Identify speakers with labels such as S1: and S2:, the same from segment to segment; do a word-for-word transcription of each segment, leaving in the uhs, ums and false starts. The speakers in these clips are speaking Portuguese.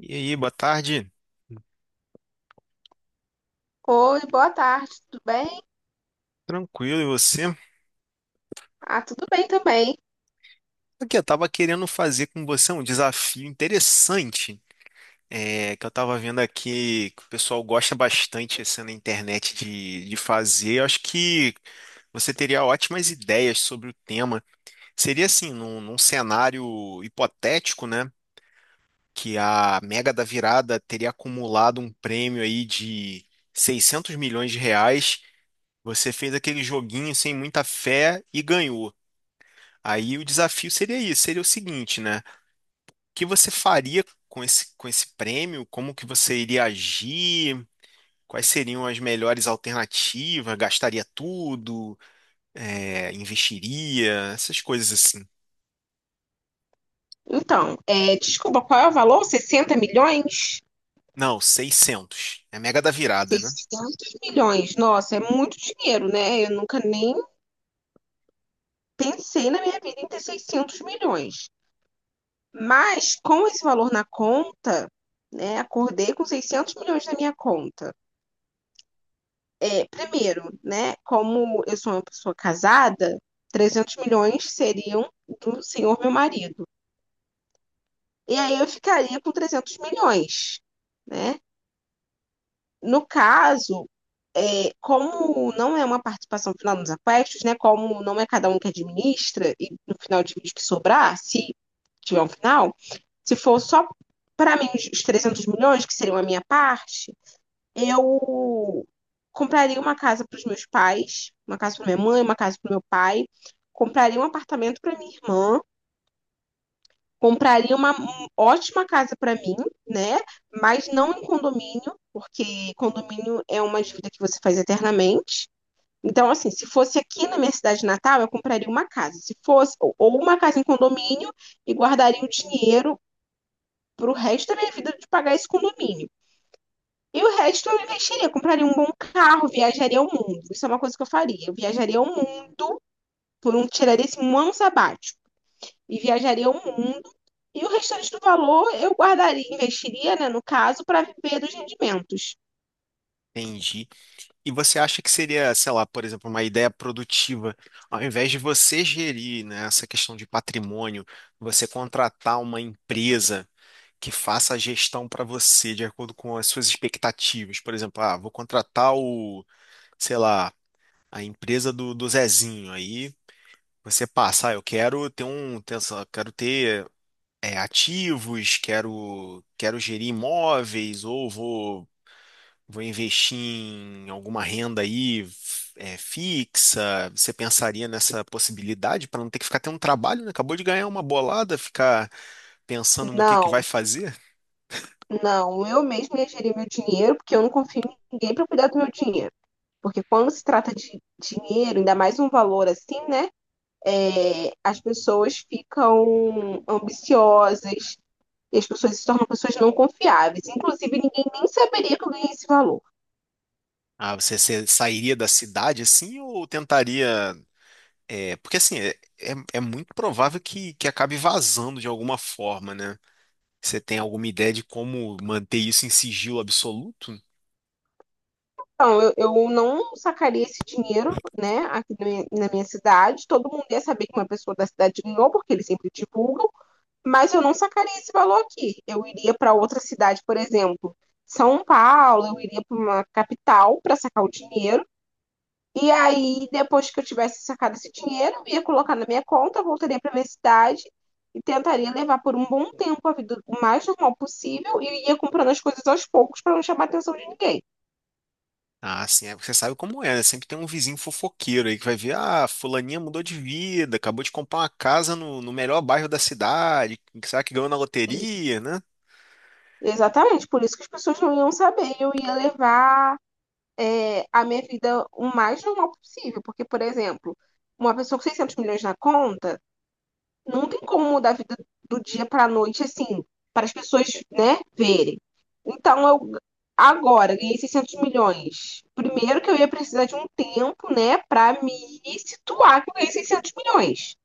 S1: E aí, boa tarde.
S2: Oi, boa tarde, tudo bem?
S1: Tranquilo, e você?
S2: Ah, tudo bem também.
S1: Aqui, eu tava querendo fazer com você um desafio interessante, é, que eu tava vendo aqui que o pessoal gosta bastante assim, na internet de, de fazer. Eu acho que você teria ótimas ideias sobre o tema. Seria assim, num, num cenário hipotético, né? Que a Mega da Virada teria acumulado um prêmio aí de seiscentos milhões de reais. Você fez aquele joguinho sem muita fé e ganhou. Aí o desafio seria isso, seria o seguinte, né? O que você faria com esse, com esse prêmio? Como que você iria agir? Quais seriam as melhores alternativas? Gastaria tudo? É, investiria? Essas coisas assim.
S2: Então, é, desculpa, qual é o valor? sessenta milhões?
S1: Não, seiscentos. É mega da virada, né?
S2: Seiscentos milhões. Nossa, é muito dinheiro, né? Eu nunca nem pensei na minha vida em ter seiscentos milhões. Mas, com esse valor na conta, né, acordei com seiscentos milhões na minha conta. É, primeiro, né, como eu sou uma pessoa casada, trezentos milhões seriam do senhor meu marido. E aí eu ficaria com trezentos milhões, né? No caso, é, como não é uma participação final nos aquestos, né? Como não é cada um que administra, e no final de vídeo que sobrar, se tiver um final, se for só para mim os trezentos milhões, que seriam a minha parte, eu compraria uma casa para os meus pais, uma casa para minha mãe, uma casa para o meu pai, compraria um apartamento para minha irmã, compraria uma um- ótima casa para mim, né? Mas não em condomínio, porque condomínio é uma dívida que você faz eternamente. Então, assim, se fosse aqui na minha cidade natal, eu compraria uma casa. Se fosse, ou ou uma casa em condomínio e guardaria o dinheiro para o resto da minha vida de pagar esse condomínio. E o resto eu investiria, compraria um bom carro, viajaria ao mundo. Isso é uma coisa que eu faria. Eu viajaria ao mundo por um, tiraria esse um ano sabático e viajaria ao mundo. E o restante do valor eu guardaria, investiria, né, no caso, para viver dos rendimentos.
S1: Entendi. E você acha que seria, sei lá, por exemplo, uma ideia produtiva, ao invés de você gerir, né, essa questão de patrimônio, você contratar uma empresa que faça a gestão para você de acordo com as suas expectativas? Por exemplo, ah, vou contratar o, sei lá, a empresa do, do Zezinho. Aí você passa, ah, eu quero ter um, ter essa- quero ter é, ativos, quero, quero gerir imóveis, ou vou Vou investir em alguma renda aí é, fixa? Você pensaria nessa possibilidade para não ter que ficar tendo um trabalho, né? Acabou de ganhar uma bolada, ficar pensando no que que vai
S2: Não,
S1: fazer?
S2: não, eu mesma ia gerir meu dinheiro, porque eu não confio em ninguém para cuidar do meu dinheiro. Porque quando se trata de dinheiro, ainda mais um valor assim, né? É, as pessoas ficam ambiciosas e as pessoas se tornam pessoas não confiáveis. Inclusive, ninguém nem saberia que eu ganhei esse valor.
S1: Ah, você, você sairia da cidade assim ou tentaria? É, porque assim, é, é- é muito provável que, que acabe vazando de alguma forma, né? Você tem alguma ideia de como manter isso em sigilo absoluto?
S2: Então, eu, eu não sacaria esse dinheiro, né, aqui na minha, na minha cidade. Todo mundo ia saber que uma pessoa da cidade ganhou, porque eles sempre divulgam, mas eu não sacaria esse valor aqui. Eu iria para outra cidade, por exemplo, São Paulo, eu iria para uma capital para sacar o dinheiro. E aí, depois que eu tivesse sacado esse dinheiro, eu ia colocar na minha conta, voltaria para minha cidade e tentaria levar por um bom tempo a vida o mais normal possível e ia comprando as coisas aos poucos para não chamar a atenção de ninguém.
S1: Ah, sim, é porque você sabe como é, né? Sempre tem um vizinho fofoqueiro aí que vai ver, ah, fulaninha mudou de vida, acabou de comprar uma casa no, no melhor bairro da cidade, que será que ganhou na loteria, né?
S2: Exatamente, por isso que as pessoas não iam saber. Eu ia levar é, a minha vida o mais normal possível. Porque, por exemplo, uma pessoa com seiscentos milhões na conta, não tem como mudar a vida do dia para a noite, assim, para as pessoas, né, verem. Então, eu agora ganhei seiscentos milhões. Primeiro que eu ia precisar de um tempo, né, para me situar que eu ganhei seiscentos milhões.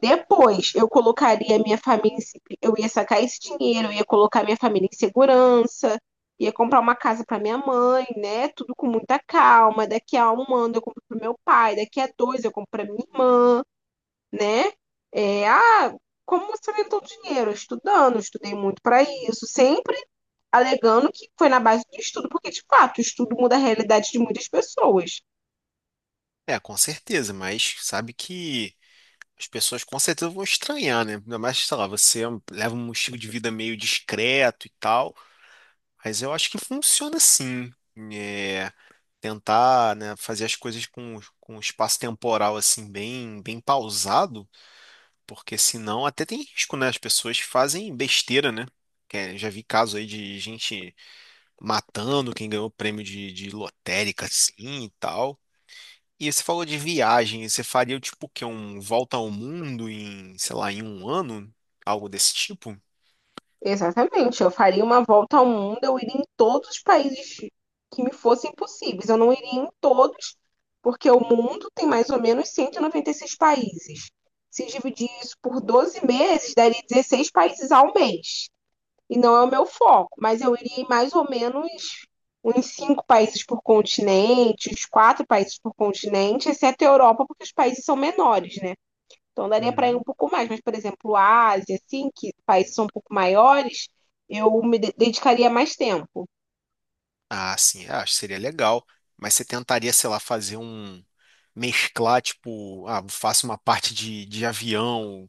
S2: Depois, eu colocaria a minha família, em se- eu ia sacar esse dinheiro, eu ia colocar minha família em segurança, ia comprar uma casa para minha mãe, né? Tudo com muita calma. Daqui a um ano eu compro pro meu pai, daqui a dois eu compro para minha irmã, né? É, ah, como você inventou dinheiro? Estudando, eu estudei muito para isso, sempre alegando que foi na base do estudo, porque de fato, o estudo muda a realidade de muitas pessoas.
S1: É, com certeza, mas sabe que as pessoas com certeza vão estranhar, né? Ainda mais, sei lá, você leva um estilo de vida meio discreto e tal, mas eu acho que funciona sim. É, Tentar, né, fazer as coisas com, com, um espaço temporal assim bem, bem pausado. Porque senão até tem risco, né? As pessoas fazem besteira, né? Que é- já vi caso aí de gente matando quem ganhou prêmio de, de lotérica, assim, e tal. E você falou de viagem, você faria tipo o quê? Um volta ao mundo em, sei lá, em um ano? Algo desse tipo?
S2: Exatamente, eu faria uma volta ao mundo, eu iria em todos os países que me fossem possíveis. Eu não iria em todos, porque o mundo tem mais ou menos cento e e noventa e seis países. Se dividir isso por doze meses, daria dezesseis países ao mês. E não é o meu foco, mas eu iria em mais ou menos uns cinco países por continente, uns quatro países por continente, exceto a Europa, porque os países são menores, né? Então daria para ir um
S1: Uhum.
S2: pouco mais, mas, por exemplo, a Ásia, assim, que países são um pouco maiores, eu me de- dedicaria mais tempo.
S1: Ah, sim, eu acho que seria legal. Mas você tentaria, sei lá, fazer um. Mesclar, tipo, ah, faço uma parte de, de avião,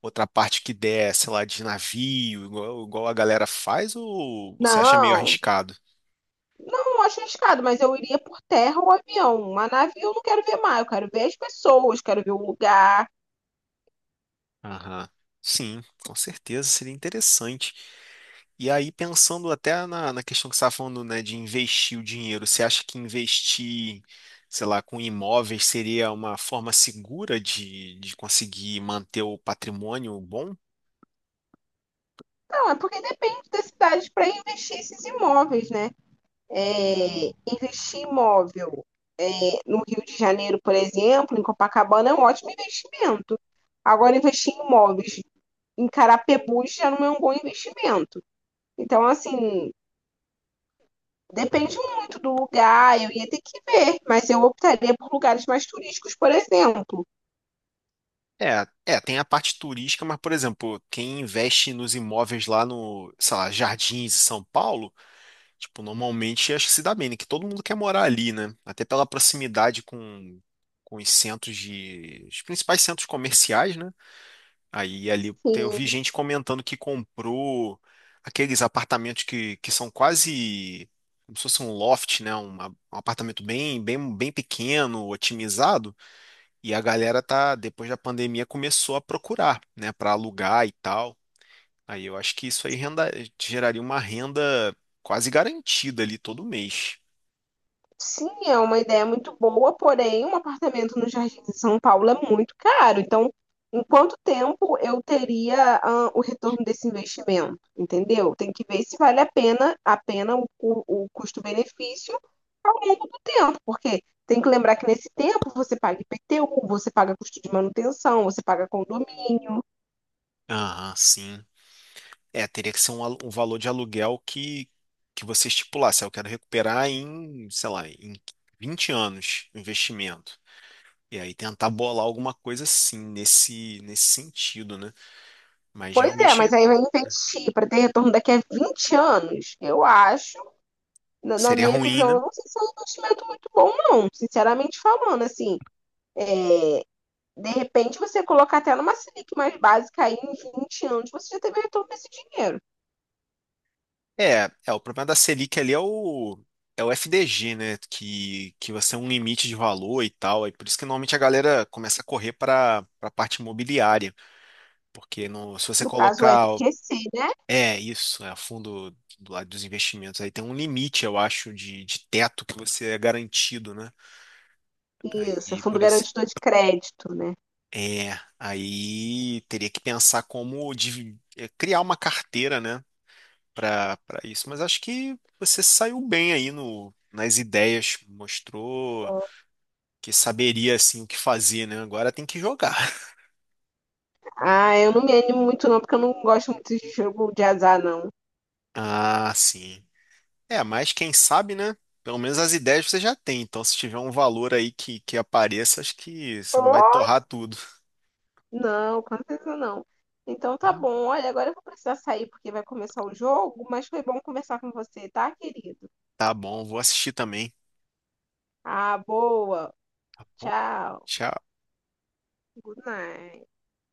S1: outra parte que der, sei lá, de navio, igual, igual a galera faz, ou você acha meio
S2: Não,
S1: arriscado?
S2: eu não acho arriscado, mas eu iria por terra ou avião. Uma nave eu não quero ver mais, eu quero ver as pessoas, quero ver o lugar.
S1: Aham. Sim, com certeza seria interessante. E aí, pensando até na, na questão que você estava falando, né, de investir o dinheiro, você acha que investir, sei lá, com imóveis seria uma forma segura de, de conseguir manter o patrimônio bom?
S2: Não, é porque depende das cidades para investir esses imóveis, né? É, investir em imóvel é, no Rio de Janeiro, por exemplo, em Copacabana, é um ótimo investimento. Agora, investir em imóveis em Carapebus já não é um bom investimento. Então, assim, depende muito do lugar, eu ia ter que ver, mas eu optaria por lugares mais turísticos, por exemplo.
S1: É, é, tem a parte turística, mas, por exemplo, quem investe nos imóveis lá no, sei lá, Jardins, em São Paulo. Tipo, normalmente acho que se dá bem, né? Que todo mundo quer morar ali, né? Até pela proximidade com, com, os centros de. Os principais centros comerciais, né? Aí ali tem- eu vi
S2: Sim,
S1: gente comentando que comprou aqueles apartamentos que, que são quase como se fosse um loft, né? Um, um apartamento bem, bem, bem pequeno, otimizado. E a galera tá, depois da pandemia, começou a procurar, né? Para alugar e tal. Aí eu acho que isso aí renda, geraria uma renda quase garantida ali todo mês.
S2: sim, é uma ideia muito boa, porém, um apartamento no Jardim de São Paulo é muito caro. Então, em quanto tempo eu teria, ah, o retorno desse investimento? Entendeu? Tem que ver se vale a pena, a pena o, o o custo-benefício ao longo do tempo, porque tem que lembrar que nesse tempo você paga I P T U, você paga custo de manutenção, você paga condomínio.
S1: Aham, sim. É, teria que ser um, alu- um valor de aluguel que, que você estipulasse. "Ah, eu quero recuperar em, sei lá, em vinte anos o investimento. E aí tentar bolar alguma coisa assim, nesse, nesse sentido, né? Mas
S2: Pois é, mas
S1: realmente
S2: aí vai investir para ter retorno daqui a vinte anos. Eu acho, na, na
S1: seria
S2: minha
S1: ruim,
S2: visão,
S1: né?
S2: eu não sei se é um investimento muito bom, não. Sinceramente falando, assim, é, de repente você colocar até numa Selic mais básica aí em vinte anos, você já teve retorno desse dinheiro.
S1: É, é, o problema da Selic ali é o, é o F D G, né? Que, que você é um limite de valor e tal. E por isso que normalmente a galera começa a correr para a parte imobiliária. Porque no, se você
S2: No caso, o
S1: colocar.
S2: F G C, né?
S1: É, isso, é fundo do lado dos investimentos. Aí tem um limite, eu acho, de, de teto que você é garantido, né?
S2: Isso, é
S1: E
S2: Fundo
S1: por isso.
S2: Garantidor de Crédito, né?
S1: É, Aí teria que pensar como divi- é, criar uma carteira, né, para para isso. Mas acho que você saiu bem aí no, nas ideias, mostrou que saberia assim o que fazer, né? Agora tem que jogar.
S2: Ah, eu não me animo muito não, porque eu não gosto muito de jogo de azar, não.
S1: Ah, sim. É, mas quem sabe, né? Pelo menos as ideias você já tem. Então, se tiver um valor aí que, que apareça, acho que você
S2: Ou
S1: não vai torrar tudo.
S2: não, com certeza não. Então tá
S1: Tá,
S2: bom. Olha, agora eu vou precisar sair porque vai começar o jogo, mas foi bom conversar com você, tá, querido?
S1: tá bom, vou assistir também.
S2: Ah, boa.
S1: Bom,
S2: Tchau.
S1: tchau.
S2: Good night.